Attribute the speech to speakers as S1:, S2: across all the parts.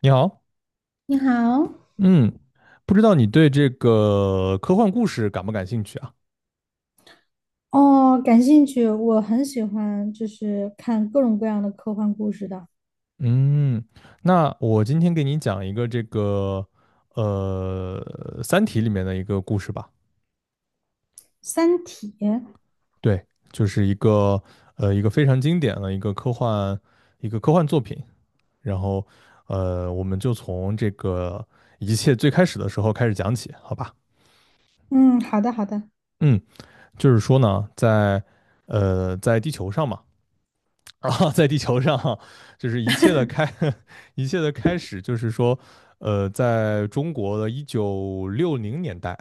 S1: 你好，
S2: 你好。
S1: 嗯，不知道你对这个科幻故事感不感兴趣啊？
S2: 哦，感兴趣，我很喜欢，就是看各种各样的科幻故事的
S1: 嗯，那我今天给你讲一个这个呃《三体》里面的一个故事吧。
S2: 《三体》。
S1: 对，就是一个非常经典的一个科幻作品。然后我们就从这个一切最开始的时候开始讲起，好吧？
S2: 嗯，好的，好的。
S1: 嗯，就是说呢，在地球上嘛。啊，在地球上，就是一切的开，一切的开始，就是说，在中国的1960年代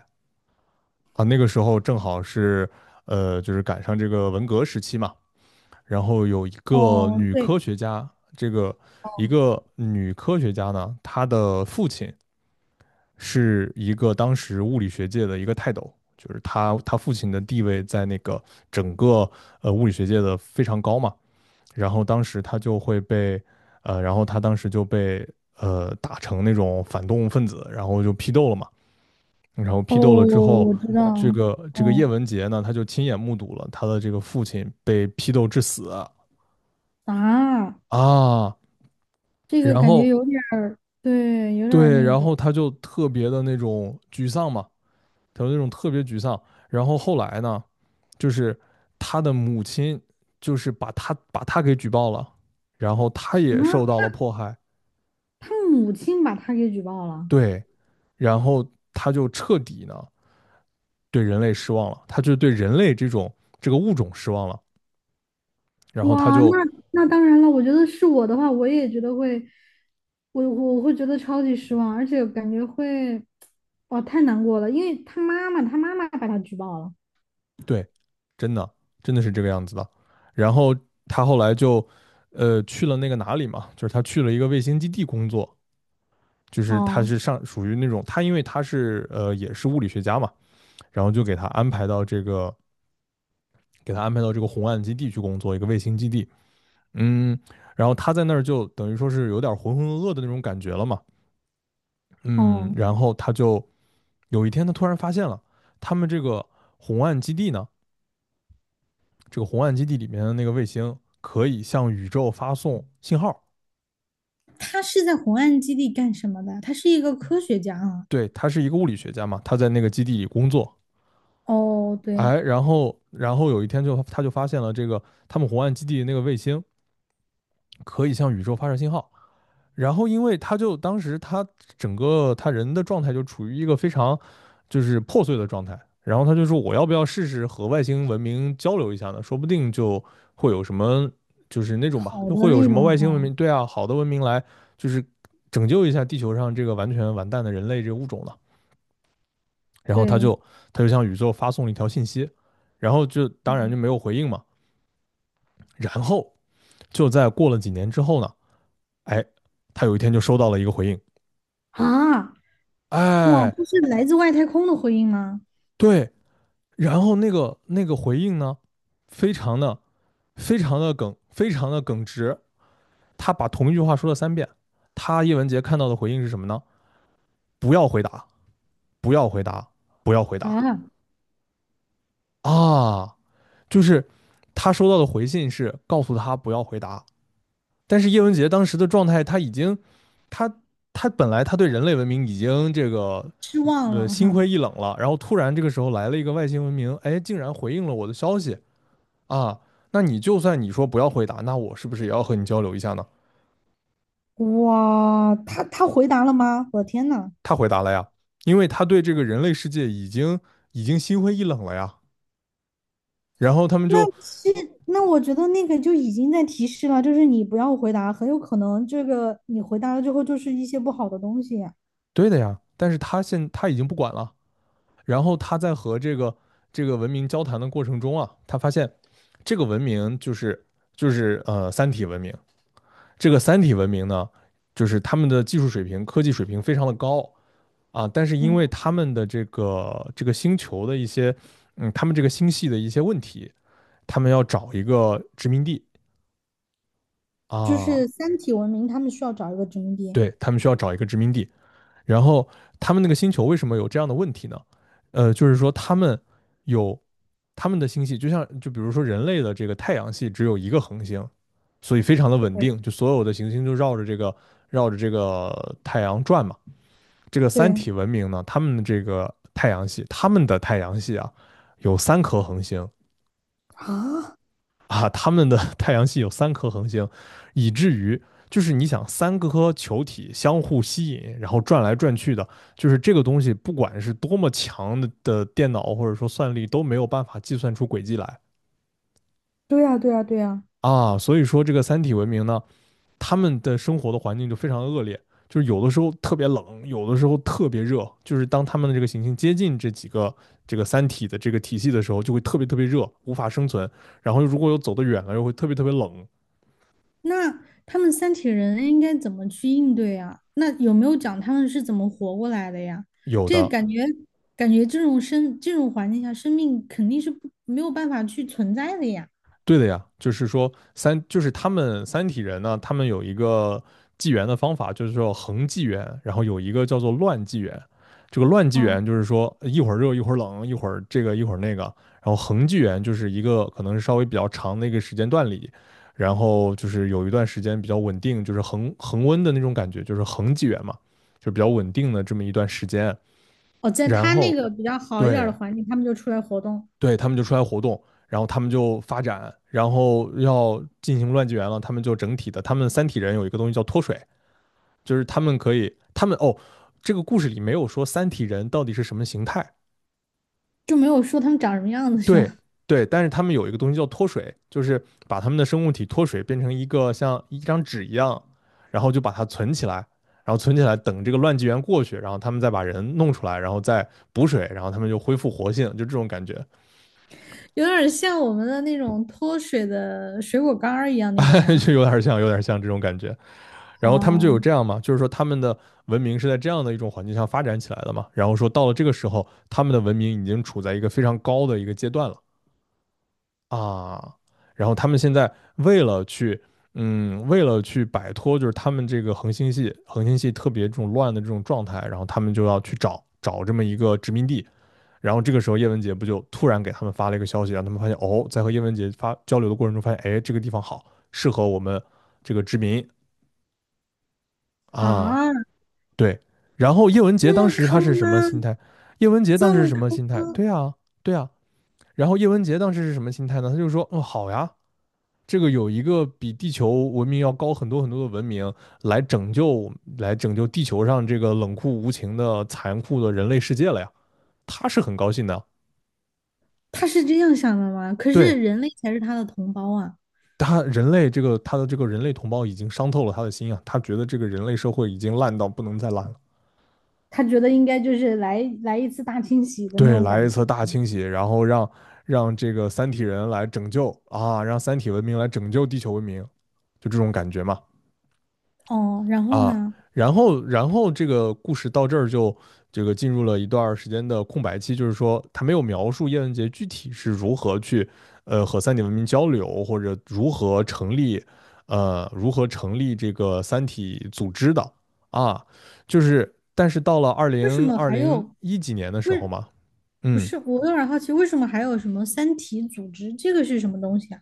S1: 啊，那个时候正好是，就是赶上这个文革时期嘛，然后有一个
S2: 哦，
S1: 女科
S2: 对。
S1: 学家，这个一
S2: 哦。
S1: 个女科学家呢，她的父亲是一个当时物理学界的一个泰斗，就是她父亲的地位在那个整个物理学界的非常高嘛。然后当时他就会被，呃，然后他当时就被打成那种反动分子，然后就批斗了嘛。然后
S2: 哦，
S1: 批斗了之后，
S2: 我知
S1: 这
S2: 道。
S1: 个这个叶
S2: 哦。
S1: 文洁呢，他就亲眼目睹了他的这个父亲被批斗致死啊。
S2: 啊，这个
S1: 然
S2: 感觉
S1: 后
S2: 有点儿，对，有点儿
S1: 对，
S2: 那
S1: 然后
S2: 个
S1: 他就特别的那种沮丧嘛，他就那种特别沮丧。然后后来呢，就是他的母亲就是把他给举报了，然后他
S2: 什
S1: 也
S2: 么，
S1: 受到
S2: 他
S1: 了迫害。
S2: 他母亲把他给举报了。
S1: 对，然后他就彻底呢对人类失望了，他就对人类这种这个物种失望了，然后他
S2: 哇，
S1: 就
S2: 那那当然了，我觉得是我的话，我也觉得会，我会觉得超级失望，而且感觉会，哇，太难过了，因为他妈妈，他妈妈把他举报了。
S1: 对，真的真的是这个样子的，然后他后来就去了那个哪里嘛，就是他去了一个卫星基地工作，就是他
S2: 哦。
S1: 是上属于那种他因为他是也是物理学家嘛，然后就给他安排到这个红岸基地去工作，一个卫星基地，嗯，然后他在那儿就等于说是有点浑浑噩噩的那种感觉了嘛。嗯，
S2: 哦，
S1: 然后他就有一天他突然发现了，他们这个红岸基地呢，这个红岸基地里面的那个卫星可以向宇宙发送信号。
S2: 他是在红岸基地干什么的？他是一个科学家啊。
S1: 对，他是一个物理学家嘛，他在那个基地里工作。
S2: 哦，对。
S1: 哎，然后有一天他就发现了这个他们红岸基地那个卫星可以向宇宙发射信号，然后因为他就当时他整个他人的状态就处于一个非常就是破碎的状态，然后他就说我要不要试试和外星文明交流一下呢？说不定就会有什么就是那种吧，
S2: 好
S1: 就
S2: 的
S1: 会有
S2: 那
S1: 什么
S2: 种
S1: 外星文
S2: 哈。
S1: 明，对啊，好的文明来就是拯救一下地球上这个完全完蛋的人类这个物种了。然后他
S2: 对。
S1: 就他就向宇宙发送了一条信息，然后就当然就
S2: 嗯。
S1: 没有回应嘛。然后就在过了几年之后呢，哎，他有一天就收到了一个回应，
S2: 啊，哇，
S1: 哎，
S2: 这是来自外太空的回应吗？
S1: 对。然后那个回应呢，非常的非常的非常的耿直。他把同一句话说了3遍。叶文洁看到的回应是什么呢？不要回答，不要回答，不要回答
S2: 啊，
S1: 啊！就是他收到的回信是告诉他不要回答，但是叶文洁当时的状态，他已经，他他本来他对人类文明已经这个
S2: 失望了
S1: 心
S2: 哈。
S1: 灰意冷了，然后突然这个时候来了一个外星文明，哎，竟然回应了我的消息，啊，那你就算你说不要回答，那我是不是也要和你交流一下呢？
S2: 哇，他回答了吗？我的天呐！
S1: 他回答了呀，因为他对这个人类世界已经已经心灰意冷了呀。然后他们
S2: 那
S1: 就
S2: 是，那我觉得那个就已经在提示了，就是你不要回答，很有可能这个你回答了之后就是一些不好的东西。
S1: 对的呀，但是他已经不管了。然后他在和这个文明交谈的过程中啊，他发现这个文明就是三体文明，这个三体文明呢，就是他们的技术水平、科技水平非常的高啊，但是因
S2: 嗯，
S1: 为他们的这个星球的一些他们这个星系的一些问题。他们要找一个殖民地
S2: 就是
S1: 啊，
S2: 三体文明，他们需要找一个殖民地。
S1: 对他们需要找一个殖民地。然后他们那个星球为什么有这样的问题呢？就是说他们有他们的星系，就像就比如说人类的这个太阳系只有一个恒星，所以非常的稳定，就所有的行星就绕着这个太阳转嘛。这个三
S2: 对
S1: 体文明呢，他们的这个太阳系，他们的太阳系啊，有三颗恒星，
S2: 啊。
S1: 啊，他们的 太阳系有3颗恒星，以至于就是你想三个颗球体相互吸引，然后转来转去的，就是这个东西，不管是多么强的电脑或者说算力都没有办法计算出轨迹来
S2: 对呀，对呀，对呀。
S1: 啊。所以说这个三体文明呢，他们的生活的环境就非常恶劣，就是有的时候特别冷，有的时候特别热，就是当他们的这个行星接近这个三体的这个体系的时候，就会特别特别热，无法生存。然后如果又走得远了，又会特别特别冷。
S2: 那他们三体人应该怎么去应对啊？那有没有讲他们是怎么活过来的呀？
S1: 有
S2: 这
S1: 的
S2: 感觉，感觉这种生这种环境下，生命肯定是不没有办法去存在的呀。
S1: 对的呀，就是说三，就是他们三体人呢，他们有一个纪元的方法，就是说恒纪元，然后有一个叫做乱纪元。这个乱纪
S2: 啊。
S1: 元就是说一会儿热一会儿冷，一会儿这个一会儿那个。然后恒纪元就是一个可能是稍微比较长的一个时间段里，然后就是有一段时间比较稳定，就是恒温的那种感觉，就是恒纪元嘛，就比较稳定的这么一段时间。
S2: 哦，在
S1: 然
S2: 他那
S1: 后
S2: 个比较好一点儿的
S1: 对，
S2: 环境，他们就出来活动。
S1: 对，他们就出来活动，然后他们就发展，然后要进行乱纪元了，他们就整体的，他们三体人有一个东西叫脱水，就是他们可以，他们这个故事里没有说三体人到底是什么形态，
S2: 就没有说他们长什么样子，是
S1: 对
S2: 吧？
S1: 对，但是他们有一个东西叫脱水，就是把他们的生物体脱水变成一个像一张纸一样，然后就把它存起来，然后存起来等这个乱纪元过去，然后他们再把人弄出来，然后再补水，然后他们就恢复活性，就这种感觉。
S2: 有点儿像我们的那种脱水的水果干儿一样那种吗？
S1: 就有点像，有点像这种感觉。然后他们就有
S2: 哦。
S1: 这样嘛，就是说他们的文明是在这样的一种环境下发展起来的嘛。然后说到了这个时候，他们的文明已经处在一个非常高的一个阶段了啊。然后他们现在为了去，为了去摆脱就是他们这个恒星系特别这种乱的这种状态，然后他们就要去找找这么一个殖民地，然后这个时候叶文洁不就突然给他们发了一个消息，让他们发现哦，在和叶文洁发交流的过程中发现，哎，这个地方好，适合我们这个殖民啊，
S2: 啊，
S1: 对。然后叶文
S2: 那
S1: 洁当
S2: 么
S1: 时
S2: 坑
S1: 他是什么
S2: 吗？
S1: 心态？叶文洁当
S2: 这
S1: 时是
S2: 么
S1: 什么
S2: 坑
S1: 心态？
S2: 吗？
S1: 对啊，对啊。然后叶文洁当时是什么心态呢？他就说，嗯，好呀，这个有一个比地球文明要高很多很多的文明来拯救，来拯救地球上这个冷酷无情的残酷的人类世界了呀，他是很高兴的。
S2: 他是这样想的吗？可
S1: 对，
S2: 是人类才是他的同胞啊。
S1: 他人类这个他的这个人类同胞已经伤透了他的心啊，他觉得这个人类社会已经烂到不能再烂了。
S2: 他觉得应该就是来来一次大清洗的那
S1: 对，
S2: 种
S1: 来
S2: 感
S1: 一
S2: 觉。
S1: 次大清洗，然后让让这个三体人来拯救啊，让三体文明来拯救地球文明，就这种感觉嘛。
S2: 哦，然后
S1: 啊，
S2: 呢？
S1: 然后这个故事到这儿就这个进入了一段时间的空白期，就是说他没有描述叶文洁具体是如何去和三体文明交流，或者如何成立这个三体组织的啊，就是但是到了二
S2: 为什
S1: 零
S2: 么
S1: 二
S2: 还
S1: 零
S2: 有，
S1: 一几年的时
S2: 为
S1: 候嘛，
S2: 不
S1: 嗯
S2: 是？我有点儿好奇，为什么还有什么三体组织？这个是什么东西啊？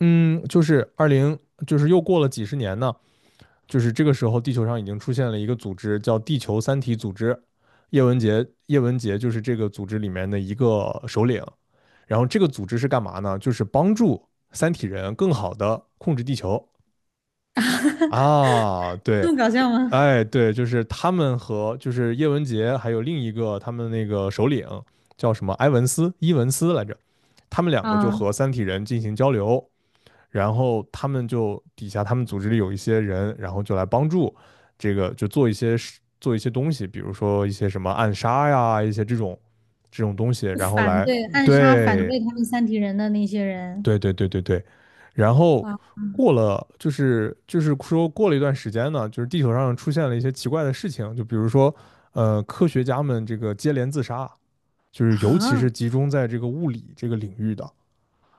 S1: 嗯，就是二零就是又过了几十年呢，就是这个时候，地球上已经出现了一个组织，叫地球三体组织。叶文洁，叶文洁就是这个组织里面的一个首领。然后这个组织是干嘛呢？就是帮助三体人更好的控制地球啊。对，
S2: 这么搞笑吗？
S1: 哎，对，就是他们和就是叶文洁还有另一个他们那个首领叫什么埃文斯伊文斯来着，他们两个就
S2: 啊，
S1: 和三体人进行交流，然后他们就底下他们组织里有一些人，然后就来帮助这个，就做一些事做一些东西，比如说一些什么暗杀呀，一些这种这种东西，然后
S2: 反
S1: 来
S2: 对暗杀反
S1: 对
S2: 对他们三体人的那些人。
S1: 对对对对对，然后
S2: 啊。
S1: 过了就是说过了一段时间呢，就是地球上出现了一些奇怪的事情，就比如说科学家们这个接连自杀，就是尤其
S2: 啊！
S1: 是集中在这个物理这个领域的。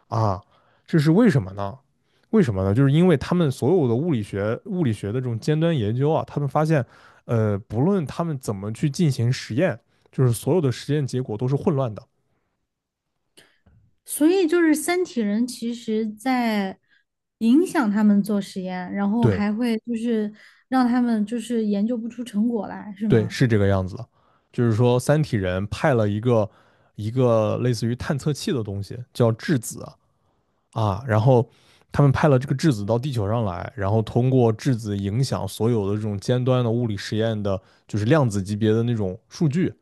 S1: 啊，这是为什么呢？为什么呢？就是因为他们所有的物理学、物理学的这种尖端研究啊，他们发现，不论他们怎么去进行实验，就是所有的实验结果都是混乱的。
S2: 所以就是三体人其实在影响他们做实验，然后
S1: 对，
S2: 还会就是让他们就是研究不出成果来，是
S1: 对，
S2: 吗？
S1: 是这个样子的。就是说，三体人派了一个类似于探测器的东西，叫质子啊，然后他们派了这个质子到地球上来，然后通过质子影响所有的这种尖端的物理实验的，就是量子级别的那种数据。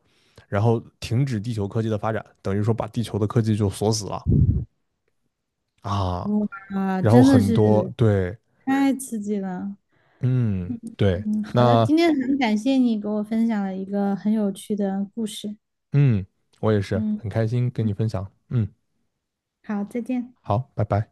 S1: 然后停止地球科技的发展，等于说把地球的科技就锁死了啊。
S2: 哇，
S1: 然后
S2: 真的
S1: 很
S2: 是
S1: 多对，
S2: 太刺激了。
S1: 嗯，对，
S2: 嗯，好的，
S1: 那
S2: 今天很感谢你给我分享了一个很有趣的故事。
S1: 嗯，我也是
S2: 嗯。
S1: 很开心跟你分享，
S2: 好，再见。
S1: 好，拜拜。